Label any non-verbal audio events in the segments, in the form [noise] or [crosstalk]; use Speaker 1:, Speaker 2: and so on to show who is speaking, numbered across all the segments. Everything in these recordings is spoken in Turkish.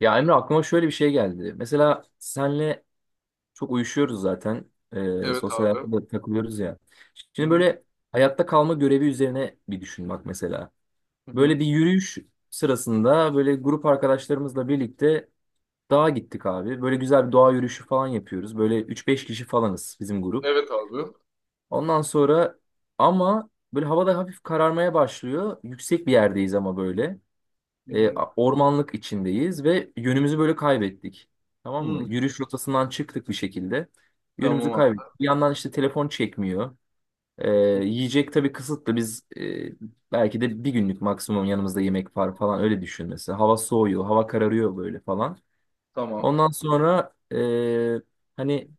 Speaker 1: Ya Emre aklıma şöyle bir şey geldi. Mesela senle çok uyuşuyoruz zaten. Ee,
Speaker 2: Evet
Speaker 1: sosyal
Speaker 2: abi.
Speaker 1: hayatta da takılıyoruz ya.
Speaker 2: Hı
Speaker 1: Şimdi
Speaker 2: hı.
Speaker 1: böyle hayatta kalma görevi üzerine bir düşün bak mesela.
Speaker 2: Hı hı.
Speaker 1: Böyle bir yürüyüş sırasında böyle grup arkadaşlarımızla birlikte dağa gittik abi. Böyle güzel bir doğa yürüyüşü falan yapıyoruz. Böyle üç beş kişi falanız bizim grup.
Speaker 2: Evet abi.
Speaker 1: Ondan sonra ama böyle havada hafif kararmaya başlıyor. Yüksek bir yerdeyiz ama böyle.
Speaker 2: Hı
Speaker 1: E,
Speaker 2: hı.
Speaker 1: ormanlık içindeyiz ve yönümüzü böyle kaybettik. Tamam mı?
Speaker 2: Hı.
Speaker 1: Yürüyüş rotasından çıktık bir şekilde. Yönümüzü
Speaker 2: Tamam abi.
Speaker 1: kaybettik. Bir yandan işte telefon çekmiyor. E, yiyecek tabii kısıtlı. Biz belki de bir günlük maksimum yanımızda yemek var falan öyle düşünmesi. Hava soğuyor, hava kararıyor böyle falan.
Speaker 2: Tamam.
Speaker 1: Ondan sonra hani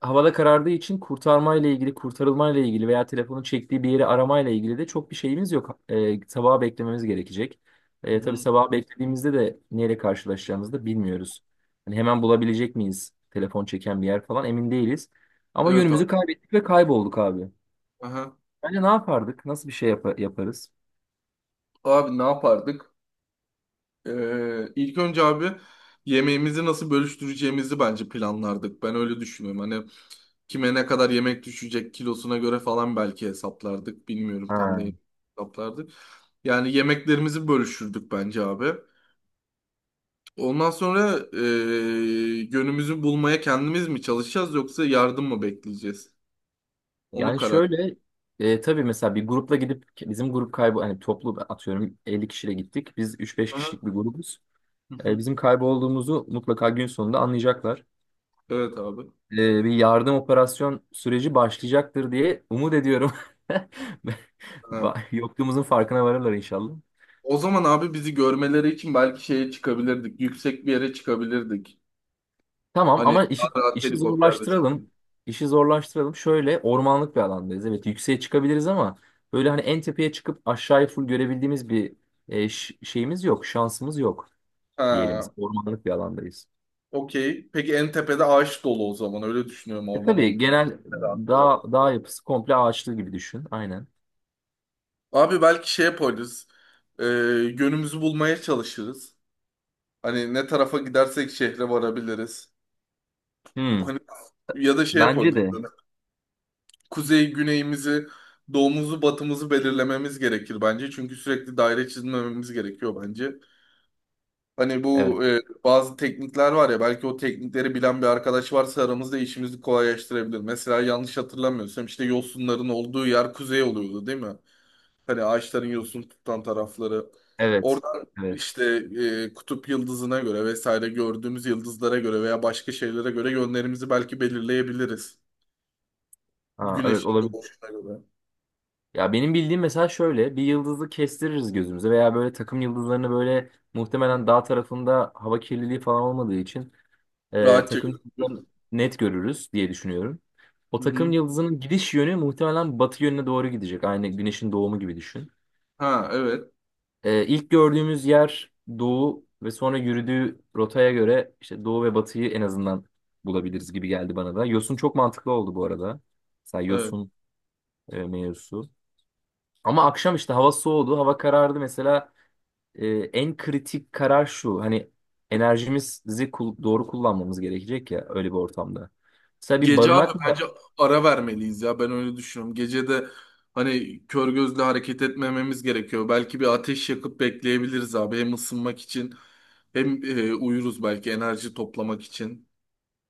Speaker 1: havada karardığı için kurtarmayla ilgili, kurtarılmayla ilgili veya telefonun çektiği bir yeri aramayla ilgili de çok bir şeyimiz yok. Sabaha beklememiz gerekecek.
Speaker 2: Hı
Speaker 1: Tabii
Speaker 2: hı.
Speaker 1: sabaha beklediğimizde de neyle karşılaşacağımızı da bilmiyoruz. Hani hemen bulabilecek miyiz telefon çeken bir yer falan emin değiliz. Ama
Speaker 2: Evet abi.
Speaker 1: yönümüzü kaybettik ve kaybolduk abi.
Speaker 2: Aha.
Speaker 1: Bence ne yapardık? Nasıl yaparız?
Speaker 2: Abi ne yapardık? İlk önce abi yemeğimizi nasıl bölüştüreceğimizi bence planlardık. Ben öyle düşünüyorum. Hani kime ne kadar yemek düşecek kilosuna göre falan belki hesaplardık. Bilmiyorum tam ne
Speaker 1: Ha.
Speaker 2: hesaplardık. Yani yemeklerimizi bölüşürdük bence abi. Ondan sonra yönümüzü bulmaya kendimiz mi çalışacağız yoksa yardım mı bekleyeceğiz? Onu
Speaker 1: Yani
Speaker 2: karar.
Speaker 1: şöyle tabii mesela bir grupla gidip bizim grup kaybı hani toplu atıyorum 50 kişiyle gittik. Biz 3-5 kişilik
Speaker 2: Aha,
Speaker 1: bir grubuz.
Speaker 2: hı
Speaker 1: E,
Speaker 2: hı.
Speaker 1: bizim kaybolduğumuzu mutlaka gün sonunda anlayacaklar.
Speaker 2: Evet abi.
Speaker 1: E, bir yardım operasyon süreci başlayacaktır diye umut ediyorum. [laughs]
Speaker 2: Ha.
Speaker 1: Yokluğumuzun farkına varırlar inşallah.
Speaker 2: O zaman abi bizi görmeleri için belki şeye çıkabilirdik. Yüksek bir yere çıkabilirdik.
Speaker 1: Tamam
Speaker 2: Hani
Speaker 1: ama
Speaker 2: daha rahat
Speaker 1: işi
Speaker 2: helikopter vesaire.
Speaker 1: zorlaştıralım. İşi zorlaştıralım. Şöyle ormanlık bir alandayız. Evet yükseğe çıkabiliriz ama böyle hani en tepeye çıkıp aşağıyı full görebildiğimiz bir şeyimiz yok. Şansımız yok diyelim.
Speaker 2: Ha,
Speaker 1: Ormanlık bir alandayız.
Speaker 2: okey. Peki en tepede ağaç dolu o zaman. Öyle düşünüyorum.
Speaker 1: E
Speaker 2: Orman
Speaker 1: tabii
Speaker 2: olduğu için
Speaker 1: genel
Speaker 2: de rahat bir ama.
Speaker 1: dağ yapısı komple ağaçlı gibi düşün. Aynen.
Speaker 2: Abi belki şey yaparız. Ee, Yönümüzü bulmaya çalışırız. Hani ne tarafa gidersek şehre varabiliriz.
Speaker 1: Hmm.
Speaker 2: Hani ya da şey
Speaker 1: Bence
Speaker 2: yapabiliriz.
Speaker 1: de.
Speaker 2: Kuzey güneyimizi, doğumuzu, batımızı belirlememiz gerekir bence. Çünkü sürekli daire çizmememiz gerekiyor bence. Hani
Speaker 1: Evet.
Speaker 2: bu bazı teknikler var ya, belki o teknikleri bilen bir arkadaş varsa aramızda işimizi kolaylaştırabilir. Mesela yanlış hatırlamıyorsam işte yosunların olduğu yer kuzey oluyordu, değil mi? Hani ağaçların yosun tutan tarafları.
Speaker 1: Evet.
Speaker 2: Oradan
Speaker 1: Evet.
Speaker 2: işte kutup yıldızına göre vesaire, gördüğümüz yıldızlara göre veya başka şeylere göre yönlerimizi belki belirleyebiliriz.
Speaker 1: Ha, evet
Speaker 2: Güneşin
Speaker 1: olabilir.
Speaker 2: doğuşuna göre.
Speaker 1: Ya benim bildiğim mesela şöyle bir yıldızı kestiririz gözümüze veya böyle takım yıldızlarını böyle muhtemelen dağ tarafında hava kirliliği falan olmadığı için
Speaker 2: Rahatça.
Speaker 1: takım yıldızlarını net görürüz diye düşünüyorum. O
Speaker 2: Hı
Speaker 1: takım
Speaker 2: hı.
Speaker 1: yıldızının gidiş yönü muhtemelen batı yönüne doğru gidecek. Aynı güneşin doğumu gibi düşün.
Speaker 2: Ha evet.
Speaker 1: İlk gördüğümüz yer doğu ve sonra yürüdüğü rotaya göre işte doğu ve batıyı en azından bulabiliriz gibi geldi bana da. Yosun çok mantıklı oldu bu arada. Mesela
Speaker 2: Evet.
Speaker 1: Yosun mevzusu. Ama akşam işte hava soğudu, hava karardı. Mesela en kritik karar şu. Hani doğru kullanmamız gerekecek ya öyle bir ortamda. Mesela bir
Speaker 2: Gece
Speaker 1: barınak
Speaker 2: abi
Speaker 1: mı,
Speaker 2: bence ara vermeliyiz ya. Ben öyle düşünüyorum. Gece de hani kör gözle hareket etmememiz gerekiyor. Belki bir ateş yakıp bekleyebiliriz abi. Hem ısınmak için hem uyuruz belki enerji toplamak için.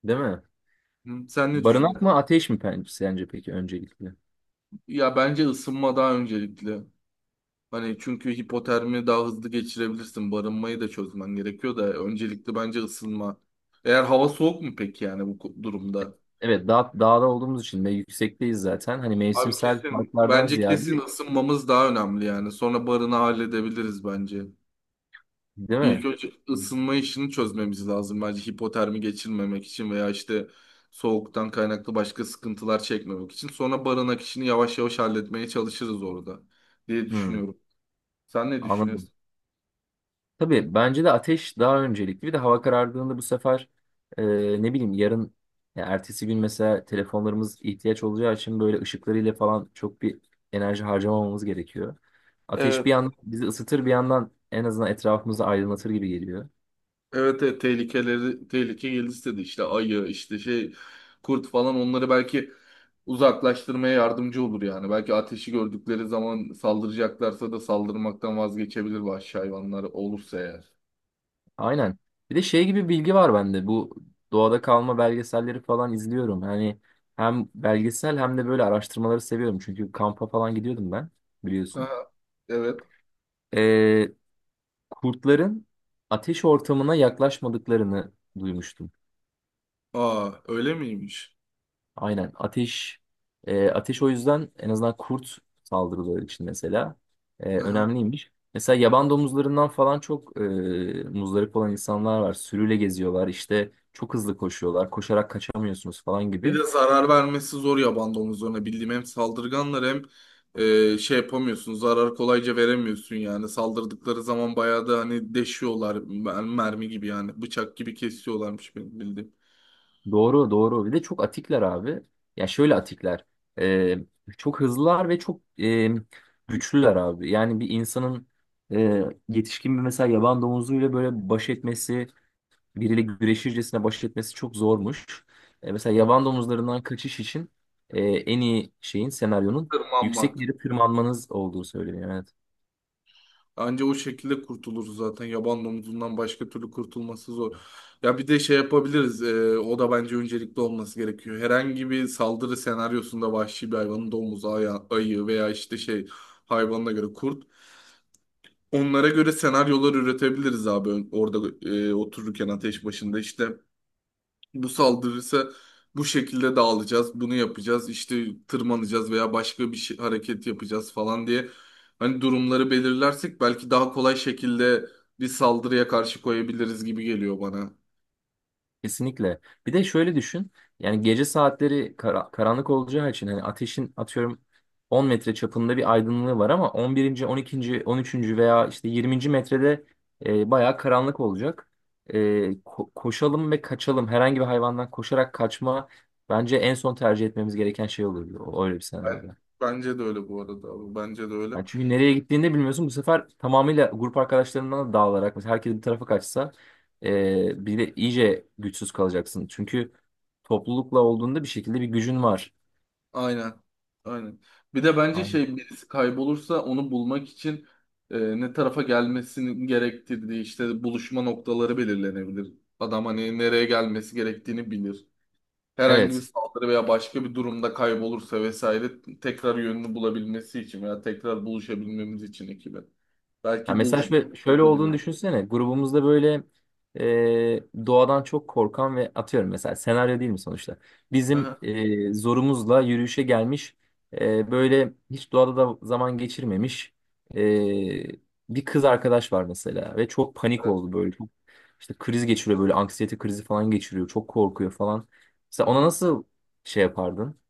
Speaker 1: değil mi?
Speaker 2: Hı. Sen ne
Speaker 1: Barınak
Speaker 2: düşünüyorsun?
Speaker 1: mı ateş sence peki öncelikle?
Speaker 2: Ya bence ısınma daha öncelikli. Hani çünkü hipotermi daha hızlı geçirebilirsin. Barınmayı da çözmen gerekiyor da öncelikli bence ısınma. Eğer hava soğuk mu peki yani bu durumda?
Speaker 1: Evet dağda olduğumuz için ve yüksekteyiz zaten. Hani
Speaker 2: Abi
Speaker 1: mevsimsel
Speaker 2: kesin
Speaker 1: farklardan
Speaker 2: bence kesin
Speaker 1: ziyade
Speaker 2: ısınmamız daha önemli yani. Sonra barını halledebiliriz bence.
Speaker 1: değil
Speaker 2: İlk
Speaker 1: mi?
Speaker 2: önce ısınma işini çözmemiz lazım bence, hipotermi geçirmemek için veya işte soğuktan kaynaklı başka sıkıntılar çekmemek için. Sonra barınak işini yavaş yavaş halletmeye çalışırız orada diye
Speaker 1: Hmm,
Speaker 2: düşünüyorum. Sen ne
Speaker 1: anladım.
Speaker 2: düşünüyorsun?
Speaker 1: Tabii bence de ateş daha öncelikli. Bir de hava karardığında bu sefer e, ne bileyim yarın ya ertesi gün mesela telefonlarımız ihtiyaç olacağı için böyle ışıklarıyla falan çok bir enerji harcamamamız gerekiyor. Ateş bir
Speaker 2: Evet.
Speaker 1: yandan bizi ısıtır bir yandan en azından etrafımızı aydınlatır gibi geliyor.
Speaker 2: Evet, evet, tehlikeleri tehlike geldi istedi işte ayı işte şey kurt falan, onları belki uzaklaştırmaya yardımcı olur yani. Belki ateşi gördükleri zaman saldıracaklarsa da saldırmaktan vazgeçebilir vahşi hayvanlar olursa eğer.
Speaker 1: Aynen. Bir de şey gibi bilgi var bende. Bu doğada kalma belgeselleri falan izliyorum. Hani hem belgesel hem de böyle araştırmaları seviyorum. Çünkü kampa falan gidiyordum ben biliyorsun.
Speaker 2: Aha, evet.
Speaker 1: Ee, kurtların ateş ortamına yaklaşmadıklarını duymuştum.
Speaker 2: Aa, öyle miymiş?
Speaker 1: Aynen. Ateş o yüzden en azından kurt saldırıları için mesela
Speaker 2: Aha.
Speaker 1: önemliymiş. Mesela yaban domuzlarından falan çok muzdarip olan insanlar var. Sürüyle geziyorlar işte çok hızlı koşuyorlar. Koşarak kaçamıyorsunuz falan
Speaker 2: Bir
Speaker 1: gibi.
Speaker 2: de zarar vermesi zor yaban domuzlarına. Bildiğim hem saldırganlar hem şey yapamıyorsun. Zarar kolayca veremiyorsun yani. Saldırdıkları zaman bayağı da hani deşiyorlar. Mermi gibi yani. Bıçak gibi kesiyorlarmış benim bildiğim.
Speaker 1: Doğru doğru. Bir de çok atikler abi. Ya şöyle atikler. E, çok hızlılar ve çok güçlüler abi. Yani bir insanın yetişkin bir mesela yaban domuzuyla böyle baş etmesi biriyle güreşircesine baş etmesi çok zormuş. Mesela yaban domuzlarından kaçış için en iyi senaryonun yüksek
Speaker 2: Tırmanmak.
Speaker 1: bir yere tırmanmanız olduğu söyleniyor. Yani
Speaker 2: Anca o şekilde kurtulur zaten. Yaban domuzundan başka türlü kurtulması zor. Ya bir de şey yapabiliriz. O da bence öncelikli olması gerekiyor. Herhangi bir saldırı senaryosunda vahşi bir hayvanın, domuzu, ayı veya işte şey hayvanına göre kurt. Onlara göre senaryolar üretebiliriz abi. Orada otururken ateş başında işte, bu saldırırsa bu şekilde dağılacağız, bunu yapacağız, işte tırmanacağız veya başka bir şey, hareket yapacağız falan diye hani durumları belirlersek belki daha kolay şekilde bir saldırıya karşı koyabiliriz gibi geliyor bana.
Speaker 1: kesinlikle. Bir de şöyle düşün. Yani gece saatleri karanlık olacağı için hani ateşin atıyorum 10 metre çapında bir aydınlığı var ama 11. 12. 13. veya işte 20. metrede bayağı karanlık olacak. E, Koşalım ve kaçalım. Herhangi bir hayvandan koşarak kaçma bence en son tercih etmemiz gereken şey olurdu. Öyle bir
Speaker 2: Ben-
Speaker 1: senaryoda.
Speaker 2: Bence de öyle bu arada abi, bence de öyle.
Speaker 1: Yani çünkü nereye gittiğini de bilmiyorsun. Bu sefer tamamıyla grup arkadaşlarından da dağılarak mesela herkes bir tarafa kaçsa bir de iyice güçsüz kalacaksın. Çünkü toplulukla olduğunda bir şekilde bir gücün var.
Speaker 2: Aynen. Aynen. Bir de bence
Speaker 1: Aynen.
Speaker 2: şey, birisi kaybolursa onu bulmak için ne tarafa gelmesinin gerektirdiği işte buluşma noktaları belirlenebilir. Adam hani nereye gelmesi gerektiğini bilir. Herhangi bir
Speaker 1: Evet.
Speaker 2: saldırı veya başka bir durumda kaybolursa vesaire, tekrar yönünü bulabilmesi için veya tekrar buluşabilmemiz için ekibe.
Speaker 1: Ya
Speaker 2: Belki
Speaker 1: mesela yani
Speaker 2: buluşma
Speaker 1: şöyle
Speaker 2: noktaları
Speaker 1: olduğunu
Speaker 2: belirlenir.
Speaker 1: düşünsene. Grubumuzda böyle doğadan çok korkan ve atıyorum mesela senaryo değil mi sonuçta?
Speaker 2: Hı
Speaker 1: Bizim
Speaker 2: hı.
Speaker 1: zorumuzla yürüyüşe gelmiş böyle hiç doğada da zaman geçirmemiş e, bir kız arkadaş var mesela ve çok panik
Speaker 2: Evet.
Speaker 1: oldu böyle. Çok, işte kriz geçiriyor böyle anksiyete krizi falan geçiriyor. Çok korkuyor falan.
Speaker 2: Hı
Speaker 1: Mesela ona
Speaker 2: hı.
Speaker 1: nasıl şey yapardın?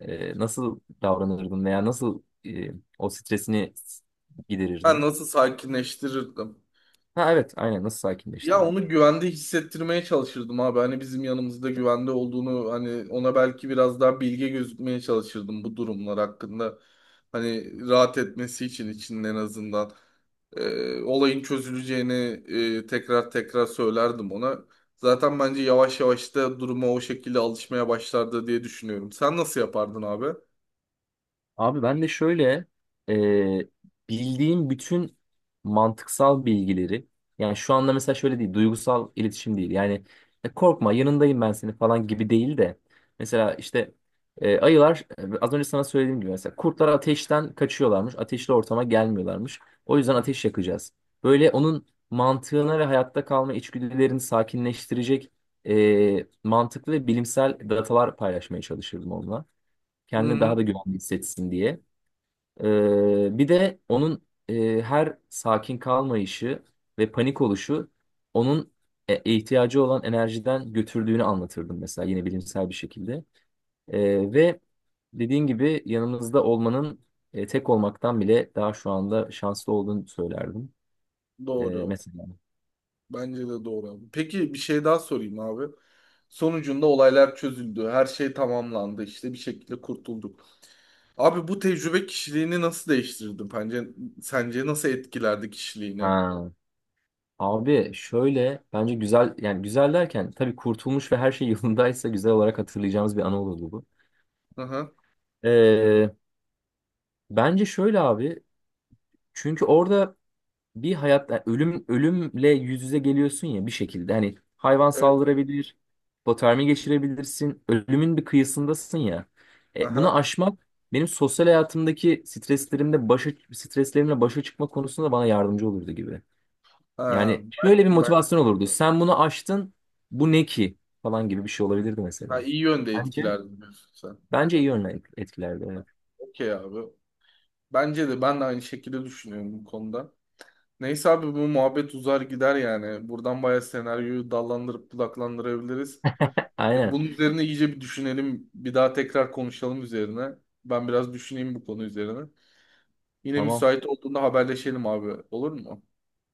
Speaker 1: Nasıl davranırdın veya nasıl o stresini
Speaker 2: Ben
Speaker 1: giderirdin?
Speaker 2: nasıl sakinleştirirdim?
Speaker 1: Ha evet aynen nasıl
Speaker 2: Ya
Speaker 1: sakinleştirir?
Speaker 2: onu güvende hissettirmeye çalışırdım abi. Hani bizim yanımızda güvende olduğunu, hani ona belki biraz daha bilge gözükmeye çalışırdım bu durumlar hakkında. Hani rahat etmesi için içinde en azından. Olayın çözüleceğini tekrar tekrar söylerdim ona. Zaten bence yavaş yavaş da duruma o şekilde alışmaya başlardı diye düşünüyorum. Sen nasıl yapardın abi?
Speaker 1: Abi ben de şöyle e, bildiğim bütün mantıksal bilgileri yani şu anda mesela şöyle değil duygusal iletişim değil yani "Korkma yanındayım ben seni falan gibi değil de mesela işte ayılar az önce sana söylediğim gibi mesela kurtlar ateşten kaçıyorlarmış ateşli ortama gelmiyorlarmış o yüzden ateş yakacağız. Böyle onun mantığına ve hayatta kalma içgüdülerini sakinleştirecek mantıklı ve bilimsel datalar paylaşmaya çalışırdım onunla.
Speaker 2: Hı
Speaker 1: Kendini daha
Speaker 2: hı,
Speaker 1: da güvenli hissetsin diye. Bir de onun her sakin kalmayışı ve panik oluşu onun ihtiyacı olan enerjiden götürdüğünü anlatırdım mesela yine bilimsel bir şekilde. Ve dediğin gibi yanımızda olmanın tek olmaktan bile daha şu anda şanslı olduğunu söylerdim. Ee,
Speaker 2: doğru.
Speaker 1: mesela.
Speaker 2: Bence de doğru abi. Peki bir şey daha sorayım abi. Sonucunda olaylar çözüldü. Her şey tamamlandı. İşte bir şekilde kurtulduk. Abi bu tecrübe kişiliğini nasıl değiştirdi? Bence, sence nasıl etkilerdi kişiliğini?
Speaker 1: Ha. Abi şöyle bence güzel yani güzel derken tabii kurtulmuş ve her şey yolundaysa güzel olarak hatırlayacağımız bir anı olurdu bu.
Speaker 2: Aha.
Speaker 1: Ee, Bence şöyle abi. Çünkü orada bir hayat yani ölümle yüz yüze geliyorsun ya bir şekilde. Hani hayvan
Speaker 2: Evet.
Speaker 1: saldırabilir, hipotermi geçirebilirsin. Ölümün bir kıyısındasın ya. Bunu
Speaker 2: Aha.
Speaker 1: aşmak benim sosyal hayatımdaki streslerimde başa streslerimle başa çıkma konusunda bana yardımcı olurdu gibi.
Speaker 2: Ha,
Speaker 1: Yani şöyle bir motivasyon olurdu. Sen bunu aştın. Bu ne ki? Falan gibi bir şey olabilirdi
Speaker 2: ha,
Speaker 1: mesela.
Speaker 2: iyi yönde
Speaker 1: Bence
Speaker 2: etkilerdi diyorsun sen.
Speaker 1: Bence iyi yönler etkilerdi. Evet.
Speaker 2: Okey abi. Bence de, ben de aynı şekilde düşünüyorum bu konuda. Neyse abi, bu muhabbet uzar gider yani. Buradan bayağı senaryoyu dallandırıp budaklandırabiliriz.
Speaker 1: Aynen.
Speaker 2: Bunun üzerine iyice bir düşünelim. Bir daha tekrar konuşalım üzerine. Ben biraz düşüneyim bu konu üzerine. Yine
Speaker 1: Tamam.
Speaker 2: müsait olduğunda haberleşelim abi. Olur mu?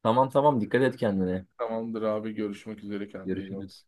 Speaker 1: Tamam tamam, dikkat et kendine.
Speaker 2: Tamamdır abi. Görüşmek üzere. Kendine iyi bak.
Speaker 1: Görüşürüz.